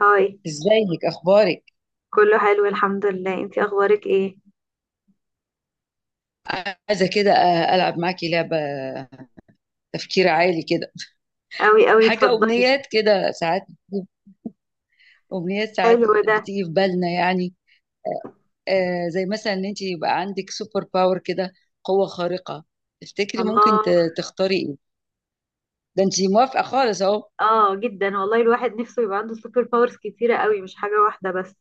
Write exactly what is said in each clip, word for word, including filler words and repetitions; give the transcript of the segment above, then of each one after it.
هاي. ازيك، اخبارك؟ كله حلو الحمد لله، انتي اخبارك ايه؟ عايزه كده أ- العب معاكي لعبه. تفكير عالي كده. قوي قوي، حاجه، اتفضلي. امنيات كده ساعات بتجيب- امنيات ساعات حلو ده. بتيجي في بالنا يعني. آه، زي مثلا ان انت يبقى عندك سوبر باور كده. قوه خارقه. تفتكري ممكن الله. ت- تختاري ايه؟ ده انت موافقه خالص اهو. اه جدا والله، الواحد نفسه يبقى عنده سوبر باورز كتيرة قوي، مش حاجة واحدة بس.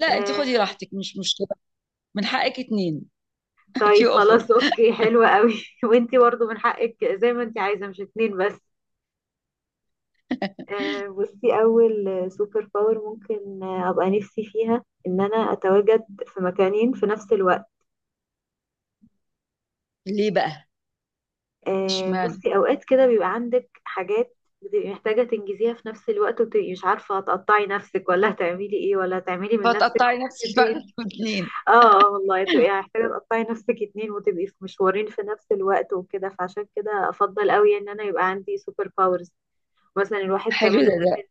لا، انت خدي آه. راحتك، مش مشكله. من حقك اتنين. في طيب اوفر. خلاص اوكي، حلوة قوي وانتي برضو من حقك، زي ما انتي عايزة مش اتنين بس. آه بصي، اول سوبر باور ممكن آه، ابقى نفسي فيها ان انا اتواجد في مكانين في نفس الوقت. ليه بقى؟ آه، اشمعنى؟ بصي، اوقات كده بيبقى عندك حاجات بتبقي محتاجة تنجزيها في نفس الوقت، وبتبقي مش عارفة هتقطعي نفسك ولا هتعملي ايه ولا هتعملي من نفسك فتقطعي نفسك فعلا نسختين. في اتنين؟ اه. آه، والله تبقي محتاجة تقطعي نفسك اتنين وتبقي في مشوارين في نفس الوقت وكده، فعشان كده افضل قوي ان انا يبقى عندي سوبر باورز. مثلا الواحد حلو كمان ده ده ممكن.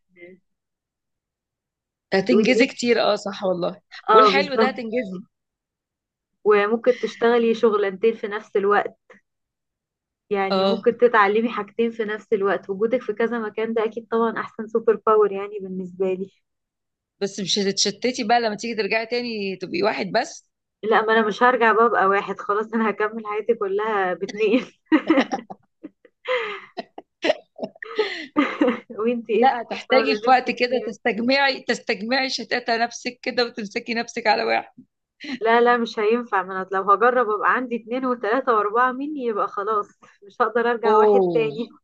بتقولي هتنجزي ايه؟ كتير، اه، صح والله. اه والحلو ده بالظبط. هتنجزي. وممكن تشتغلي شغلانتين في نفس الوقت. يعني اه، ممكن تتعلمي حاجتين في نفس الوقت، وجودك في كذا مكان ده اكيد طبعا احسن سوبر باور يعني بالنسبة لي. بس مش هتتشتتي بقى لما تيجي ترجعي تاني تبقي واحد بس؟ لا، ما انا مش هرجع بقى ابقى واحد، خلاص انا هكمل حياتي كلها باتنين. وانتي ايه لا، السوبر هتحتاجي باور اللي في وقت نفسك كده فيها؟ تستجمعي تستجمعي شتاتة نفسك كده وتمسكي نفسك على واحد. لا لا مش هينفع، ما انا لو هجرب ابقى عندي اتنين وتلاتة واربعة مني يبقى خلاص مش هقدر ارجع واحد اوه. تاني.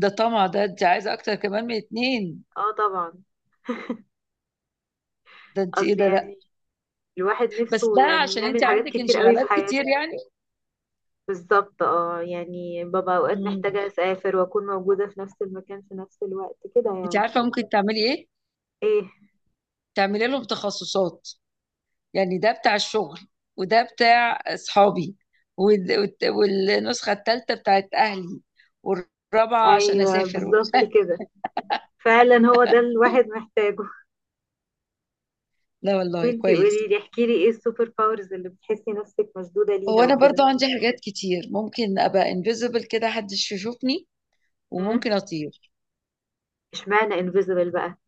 ده طمع، ده انت عايزة اكتر كمان من اتنين. اه طبعا. ده انت ايه اصل ده؟ لا. يعني الواحد بس نفسه ده يعني عشان انت يعمل حاجات عندك كتير قوي في انشغالات كتير حياته. يعني. بالظبط، اه يعني ببقى اوقات مم. محتاجة اسافر واكون موجودة في نفس المكان في نفس الوقت كده انت يعني. عارفة ممكن تعملي ايه؟ ايه؟ تعملي لهم تخصصات. يعني ده بتاع الشغل. وده بتاع اصحابي. وال- والت- والنسخة التالتة بتاعت اهلي. والرابعة عشان ايوه اسافر. بالظبط كده، فعلا هو ده الواحد محتاجه. لا والله، وانتي قولي كويس. لي، احكي لي ايه السوبر باورز اللي بتحسي نفسك مشدودة هو ليها انا وكده؟ برضو عندي حاجات كتير، ممكن ابقى انفيزبل كده محدش يشوفني. امم. وممكن اطير. اشمعنى انفيزبل بقى؟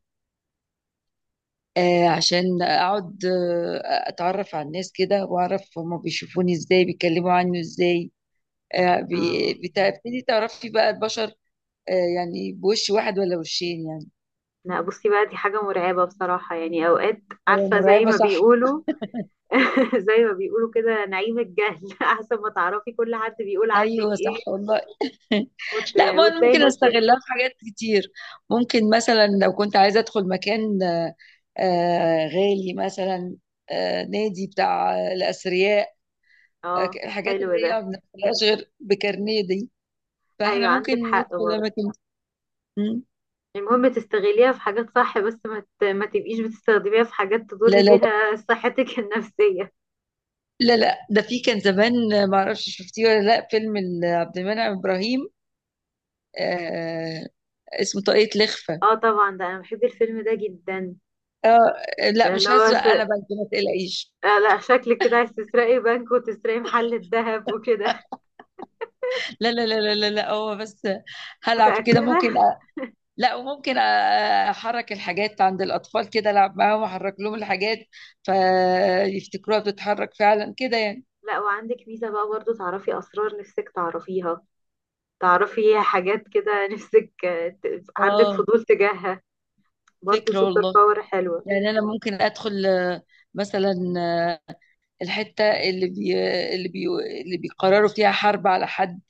آه، عشان اقعد آه اتعرف على الناس كده، واعرف هما بيشوفوني ازاي، بيتكلموا عني ازاي. آه بي- اه. بتبتدي تعرفي بقى البشر. آه يعني بوش واحد ولا وشين يعني. لا بصي بقى، دي حاجة مرعبة بصراحة يعني اوقات. هو عارفة زي مرعبة ما صح؟ بيقولوا، زي ما بيقولوا كده، نعيم الجهل احسن ما تعرفي كل حد بيقول عنك ايوه، ايه. صح والله. وت... لا، ما أنا وتلاقي ممكن نفسك. استغلها في حاجات كتير. ممكن مثلا لو كنت عايزه ادخل مكان، آه، آه، غالي مثلا. آه، نادي بتاع آه، الاثرياء. اه آه، ك- الحاجات حلو اللي ده. هي ما بندخلهاش غير بكارنيه دي. ايوه فاحنا ممكن عندك حق ندخل برضه. اماكن. مم. المهم تستغليها في حاجات صح، بس ما ت- ما تبقيش بتستخدميها في حاجات لا، تضري لا، لا، بيها صحتك النفسية. لا، لا، ده في كان زمان، آه، ما اعرفش شفتيه ولا لا فيلم ال- عبد المنعم ابراهيم. آه اسمه طاقية لخفة. اه طبعا، ده انا بحب الفيلم ده جدا. آه، لا، اللي مش هو هسرق س... انا بنك، ما تقلقيش. آه لا، شكلك كده عايز تسرقي بنك وتسرقي محل الذهب وكده. لا، لا، لا، لا، لا، لا، هو بس هلعب كده متأكدة؟ ممكن. لا، وممكن احرك الحاجات عند الاطفال كده، العب معاهم، احرك لهم الحاجات. فيفتكروها بتتحرك فعلا كده يعني. لا وعندك ميزة بقى برضه، تعرفي اسرار نفسك تعرفيها، تعرفي حاجات كده نفسك آه، ت- عندك اه، فضول تجاهها. برضه فكرة سوبر والله. باور حلوة. يعني انا ممكن ادخل، آه، مثلا، آه، الحتة اللي بي اللي بي اللي بيقرروا فيها حرب على حد،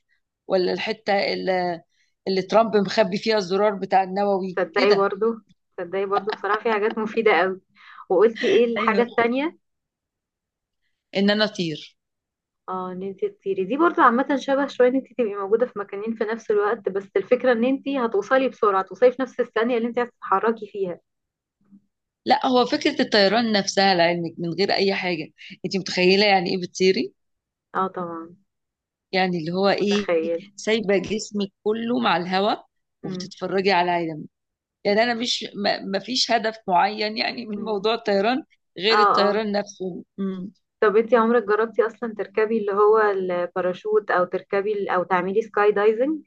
ولا الحتة اللي اللي ترامب مخبي فيها الزرار بتاع النووي تصدقي كده. برضو، تصدقي برضو بصراحة في حاجات مفيدة قوي. وقلتي ايه الحاجة ايوه، التانية؟ ان انا اطير. اه ان انت تطيري دي برضو عامة شبه شوية ان انت تبقي موجودة في مكانين في نفس الوقت، بس الفكرة ان انت هتوصلي بسرعة، توصلي في نفس الثانية اللي انت هتتحركي فيها. لا، هو فكرة الطيران نفسها لعلمك من غير اي حاجة. انت متخيلة يعني ايه بتطيري؟ اه طبعا. يعني اللي هو ايه؟ متخيل. سايبه جسمك كله مع الهواء، مم. وبتتفرجي على العالم. يعني انا مش ما ما فيش هدف معين يعني من مم. موضوع الطيران، اه غير اه. الطيران نفسه. مم. طب انت عمرك جربتي اصلا تركبي اللي هو الباراشوت او تركبي ال- او تعملي سكاي دايزنج؟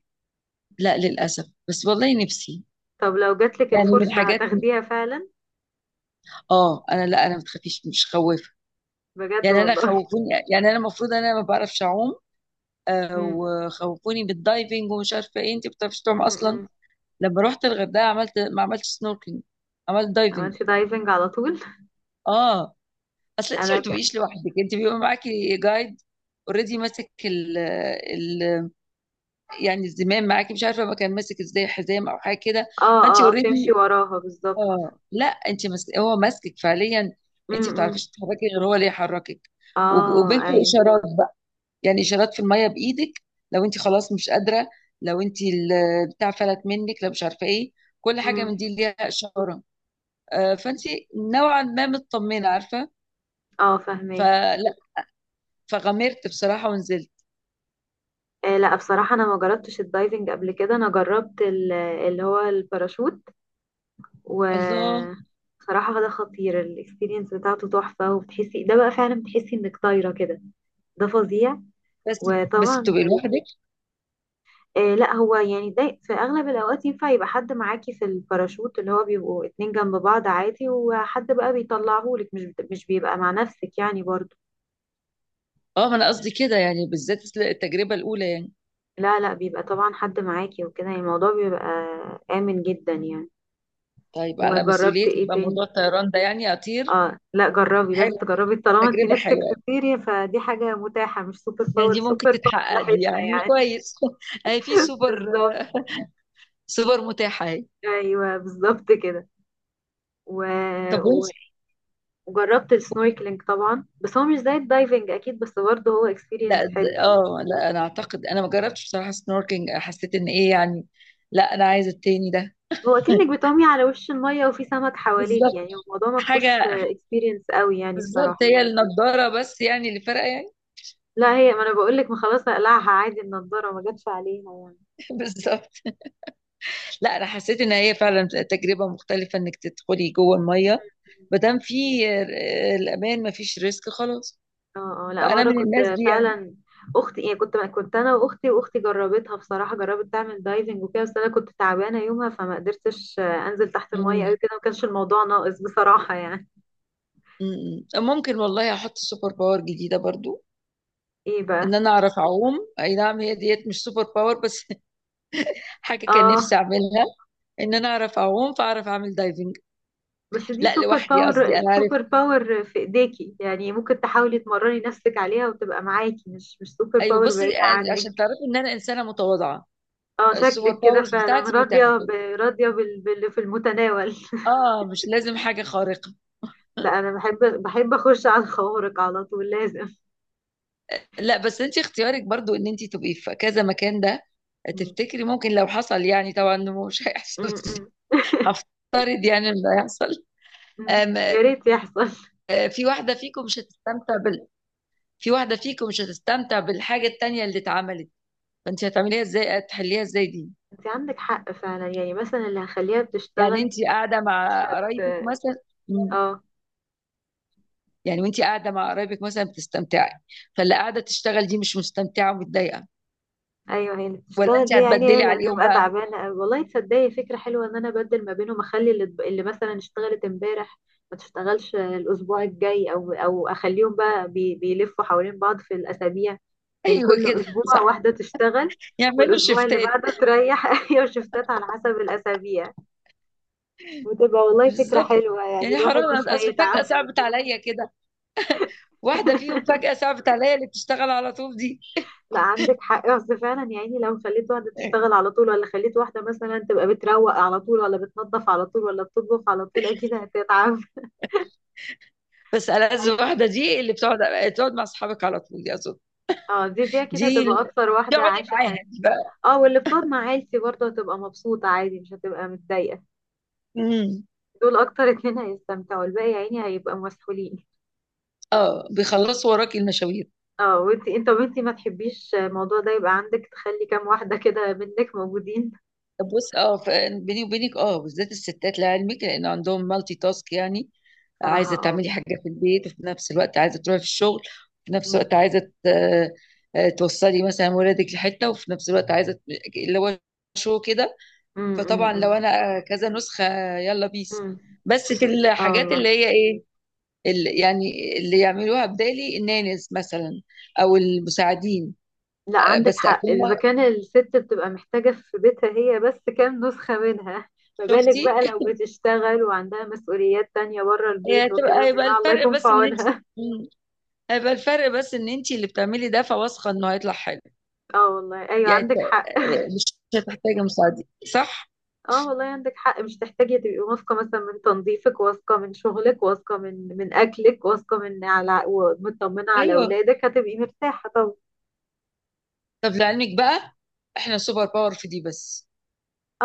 لا، للاسف، بس والله نفسي. طب لو جاتلك يعني من الفرصة الحاجات، هتاخديها فعلا؟ اه، انا، لا، انا ما بتخافيش، مش خوافه. بجد يعني انا والله؟ خوفوني، يعني انا المفروض انا ما بعرفش اعوم، آه، مم. وخوفوني بالدايفنج ومش عارفه ايه، انت ما بتعرفيش تعوم مم. اصلا؟ مم. لما رحت الغردقه، عملت، ما عملتش سنوركلينج. عملت دايفنج. عملتي دايفنج على طول؟ اه، اصل انت ما انا ك... اه. بتبقيش لوحدك، انت بيبقى معاكي جايد. اوريدي ماسك ال ال يعني الزمام معاكي، مش عارفه ما كان ماسك ازاي، حزام او حاجه كده. اه فانت آه، بتمشي اوريدي، وراها بالظبط. اه، لا، انت ماسك، هو ماسكك فعليا. انت امم ما إمم. بتعرفيش تتحركي غير هو اللي يحركك. وب- اه وبينكم ايوه. اشارات بقى. يعني اشارات في الميه بايدك. لو انت خلاص مش قادره، لو انت ال- بتاع فلت منك، لو مش عارفه ايه، كل حاجه امم. من دي ليها اشاره. آه، فانت نوعا ما مطمنه، عارفه. اه فهماكي. فلا. فغمرت بصراحه ونزلت. آه لا بصراحة انا ما جربتش الدايفنج قبل كده، انا جربت ال- اللي هو الباراشوت. الله. و... بصراحة ده خطير، الاكسبيرينس بتاعته تحفة، وبتحسي ده بقى، فعلا بتحسي انك طايرة كده. ده فظيع. بس بس وطبعا، بتبقي لوحدك. آه لا هو يعني ده في اغلب الاوقات ينفع يبقى حد معاكي في الباراشوت، اللي هو بيبقوا اتنين جنب بعض عادي، وحد بقى بيطلعهولك، مش مش بيبقى مع نفسك يعني برضه. اه، ما انا قصدي كده يعني، بالذات التجربه الاولى يعني. لا لا بيبقى طبعا حد معاكي وكده، يعني الموضوع بيبقى آمن جدا يعني. طيب، على وجربت مسؤوليتك ايه بقى تاني؟ موضوع الطيران ده، يعني اطير. اه لا جربي، لازم حلو. تجربي طالما انت تجربه نفسك حلوه. تطيري، فدي حاجة متاحة، مش سوبر يعني باور دي سوبر ممكن باور لا تتحقق دي، حتة يعني يعني. كويس. اهي في سوبر، بالظبط. سوبر متاحه اهي. ايوه بالظبط كده. و... طب وانت؟ و... وجربت السنوركلينج طبعا، بس هو مش زي الدايفنج اكيد، بس برضه هو لا، اكسبيرينس د- حلو. اه، لا، انا اعتقد انا ما جربتش بصراحه سنوركينج، حسيت ان ايه يعني. لا، انا عايزه التاني ده. هو اكنك بتعومي على وش المية وفي سمك حواليك، بالظبط. يعني الموضوع ما فيهوش حاجه. اكسبيرينس قوي يعني بالظبط بصراحة. هي النضاره بس يعني اللي فارقه يعني. لا هي، ما انا بقول لك، ما خلاص هقلعها عادي النضاره، ما جاتش عليها يعني. بالظبط. لا، انا حسيت ان هي فعلا تجربه مختلفه انك تدخلي جوه الميه. ما دام في آه، الامان، ما فيش ريسك خلاص. اه اه، لا فانا مره من كنت، الناس دي يعني. فعلا اختي، يعني كنت كنت انا واختي، واختي جربتها بصراحه، جربت تعمل دايفنج وكده، بس انا كنت تعبانه يومها فما قدرتش آه، انزل تحت الميه مم. قوي كده، ما كانش الموضوع ناقص بصراحه يعني. مم. ممكن والله احط سوبر باور جديده برضو. ايه ان بقى؟ انا اعرف اعوم، اي نعم هي ديت مش سوبر باور بس. حاجه كان اه نفسي اعملها. ان انا اعرف اعوم فاعرف اعمل دايفنج. بس دي لا، سوبر لوحدي قصدي، باور، انا عارف. سوبر باور في ايديكي يعني، ممكن تحاولي تمرني نفسك عليها وتبقى معاكي، مش مش سوبر ايوه، باور بصي. بعيده عشان عنك. تعرفي ان انا انسانه متواضعه. اه السوبر شكلك كده باورز فعلا بتاعتي متاحه. راضيه ب... راضيه بال... باللي في المتناول. اه، مش لازم حاجه خارقه. لا انا بحب، بحب اخش على الخوارق على طول لازم. لا بس انت اختيارك برضو ان انت تبقي في كذا مكان ده. م- تفتكري ممكن لو حصل، يعني طبعا إنه مش هيحصل؟ م- م. هفترض يعني انه هيحصل. أم. يا ريت يحصل. آه، في واحده فيكم مش هتستمتع بال في واحده فيكم مش هتستمتع بالحاجه التانيه اللي اتعملت. فانت هتعمليها ازاي، هتحليها ازاي دي؟ انت عندك حق فعلا، يعني مثلا اللي هخليها يعني بتشتغل انت قاعده مش مع هت قرايبك مثلا. مم. اه يعني وانت قاعده مع قرايبك مثلا بتستمتعي. فاللي قاعده تشتغل دي مش مستمتعه ومتضايقه. ايوه، هي اللي ولا بتشتغل انت دي يا عيني هي هتبدلي اللي عليهم هتبقى بقى؟ تعبانه قوي والله. تصدقي فكره حلوه ان انا ابدل ما بينهم، اخلي اللي, اللي مثلا اشتغلت امبارح ما تشتغلش الاسبوع الجاي، او او اخليهم بقى بي بيلفوا حوالين بعض في الاسابيع، يعني ايوه، كل كده اسبوع صح. واحده تشتغل، يعملوا والاسبوع اللي شيفتات. بعده تريح. ايوه شفتات على حسب الاسابيع، وتبقى والله فكره بالظبط. حلوه يعني يعني الواحد حرام، مش اصل فجأة هيتعب. صعبت عليا كده. واحدة فيهم فجأة صعبت عليا، اللي بتشتغل على طول دي. لا عندك حق، اصل فعلا يا عيني لو خليت واحده تشتغل على طول، ولا خليت واحده مثلا تبقى بتروق على طول، ولا بتنظف على طول، ولا بتطبخ على طول، اكيد هتتعب. بس ألذ واحدة دي اللي بتقعد تقعد مع اصحابك على طول دي اظن. اه دي، دي اكيد دي هتبقى اللي- اكتر دي واحده اقعدي عايشه معاها حياتها. دي بقى. اه واللي بتقعد مع عيلتي برضه هتبقى مبسوطه عادي مش هتبقى متضايقه. امم. دول اكتر اتنين هيستمتعوا، الباقي يا عيني هيبقى مسحولين. اه، بيخلصوا وراكي المشاوير. اه وانتي، انت وانتي ما تحبيش الموضوع ده يبقى عندك تخلي كام واحده كده منك موجودين. بص، اه، ف- بيني وبينك، اه، بالذات الستات لعلمك لان عندهم مالتي تاسك يعني. صراحه عايزه اه. تعملي حاجه في البيت وفي نفس الوقت عايزه تروحي في الشغل. وفي نفس امم الوقت عايزه ت- آه، توصلي مثلا ولادك لحته، وفي نفس الوقت عايزه ت- اللي هو شو كده. فطبعا لو امم انا آه، كذا نسخه. يلا بيس. امم. بس في اه الحاجات والله. اللي هي ايه؟ اللي يعني اللي يعملوها بدالي النانز مثلا، او المساعدين. لا آه، عندك بس حق، اكون. إذا كان الست بتبقى محتاجة في بيتها هي بس كام نسخة منها، ما بالك شفتي؟ بقى لو بتشتغل وعندها مسؤوليات تانية بره هي البيت وكده، تبقى يبقى بصراحة الله الفرق يكون في بس ان انت، عونها. هيبقى الفرق بس ان انت اللي بتعملي ده فواثقه انه هيطلع حلو. اه والله ايوه يعني ت- عندك حق. مش هتحتاجي مساعدين. صح؟ اه والله عندك حق، مش تحتاجي تبقي واثقة مثلا من تنظيفك، واثقة من شغلك، واثقة من من أكلك، واثقة من على ومطمنة على ايوه. أولادك، هتبقي مرتاحة طبعا. طب لعلمك بقى، احنا سوبر باور في دي بس.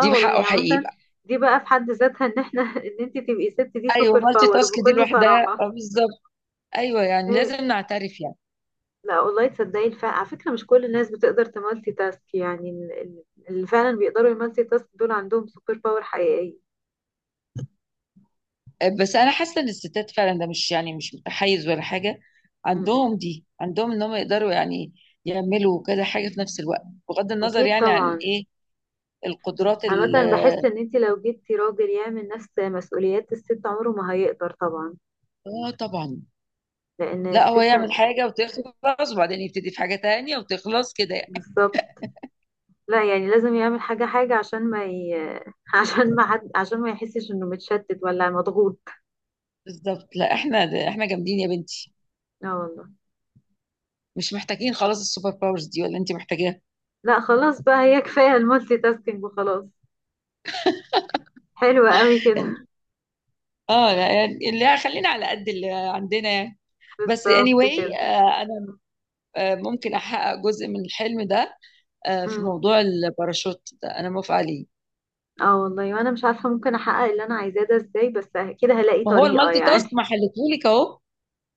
دي والله، بحقه يعني حقيقي مثلا بقى. دي بقى في حد ذاتها، ان احنا ان انت تبقي ست دي ايوه، سوبر مالتي باور تاسك دي بكل لوحدها، صراحة. آه، بالظبط. ايوه، يعني هي. لازم نعترف يعني. لا والله تصدقي الف... على فكرة مش كل الناس بتقدر تمالتي تاسك يعني، ال- ال- اللي فعلا بيقدروا يمالتي تاسك دول عندهم سوبر باور حقيقية. آه، بس انا حاسه ان الستات فعلا ده، مش يعني مش متحيز ولا حاجه، م-م. عندهم دي، عندهم ان هم يقدروا يعني يعملوا كذا حاجه في نفس الوقت، بغض النظر أكيد يعني عن طبعا. ايه، القدرات ال- عامة بحس إن أنت لو جبتي راجل يعمل نفس مسؤوليات الست عمره ما هيقدر طبعا. اه، طبعا. لأن لا، هو الست، يعمل حاجة وتخلص وبعدين يبتدي في حاجة تانية وتخلص كده يعني. بالظبط. لا يعني لازم يعمل حاجة حاجة عشان ما ي... عشان ما حد، عشان ما يحسش إنه متشتت ولا مضغوط. بالظبط، لا احنا ده احنا جامدين يا بنتي. اه والله. مش محتاجين خلاص السوبر باورز دي، ولا انت محتاجاها. لا خلاص بقى، هي كفاية المالتي تاسكينج وخلاص. حلوة قوي كده. اه، لا يعني اللي خلينا على قد اللي عندنا يعني. بس بالظبط كده. anyway، آه، انا آه، ممكن احقق جزء من الحلم ده. آه، في موضوع الباراشوت ده انا موافقة عليه. اه والله وانا مش عارفه ممكن احقق اللي انا عايزاه ده ازاي بس كده هلاقي ما هو طريقه المالتي يعني تاسك ما حلتهولك اهو.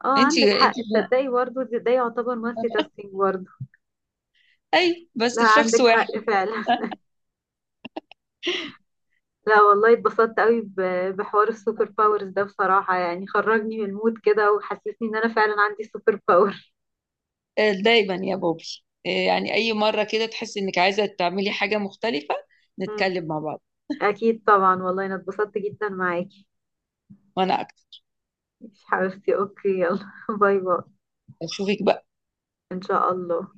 اه انت عندك انت حق. تصدقي برضه ده ده يعتبر مالتي تاسكينج برضه. اي، بس لا في شخص عندك حق واحد. فعلا. لا والله اتبسطت قوي ب- بحوار السوبر باورز ده بصراحه، يعني خرجني من المود كده وحسسني ان انا فعلا عندي سوبر باور. آه، دايما يا بوبي، آه، يعني أي مرة كده تحس إنك عايزة تعملي حاجة مختلفة، مم. نتكلم مع بعض. اكيد طبعا والله انا اتبسطت جدا معاكي. وأنا أكتر. مش حبيبتي اوكي يلا باي باي. أشوفك بقى. ان شاء الله.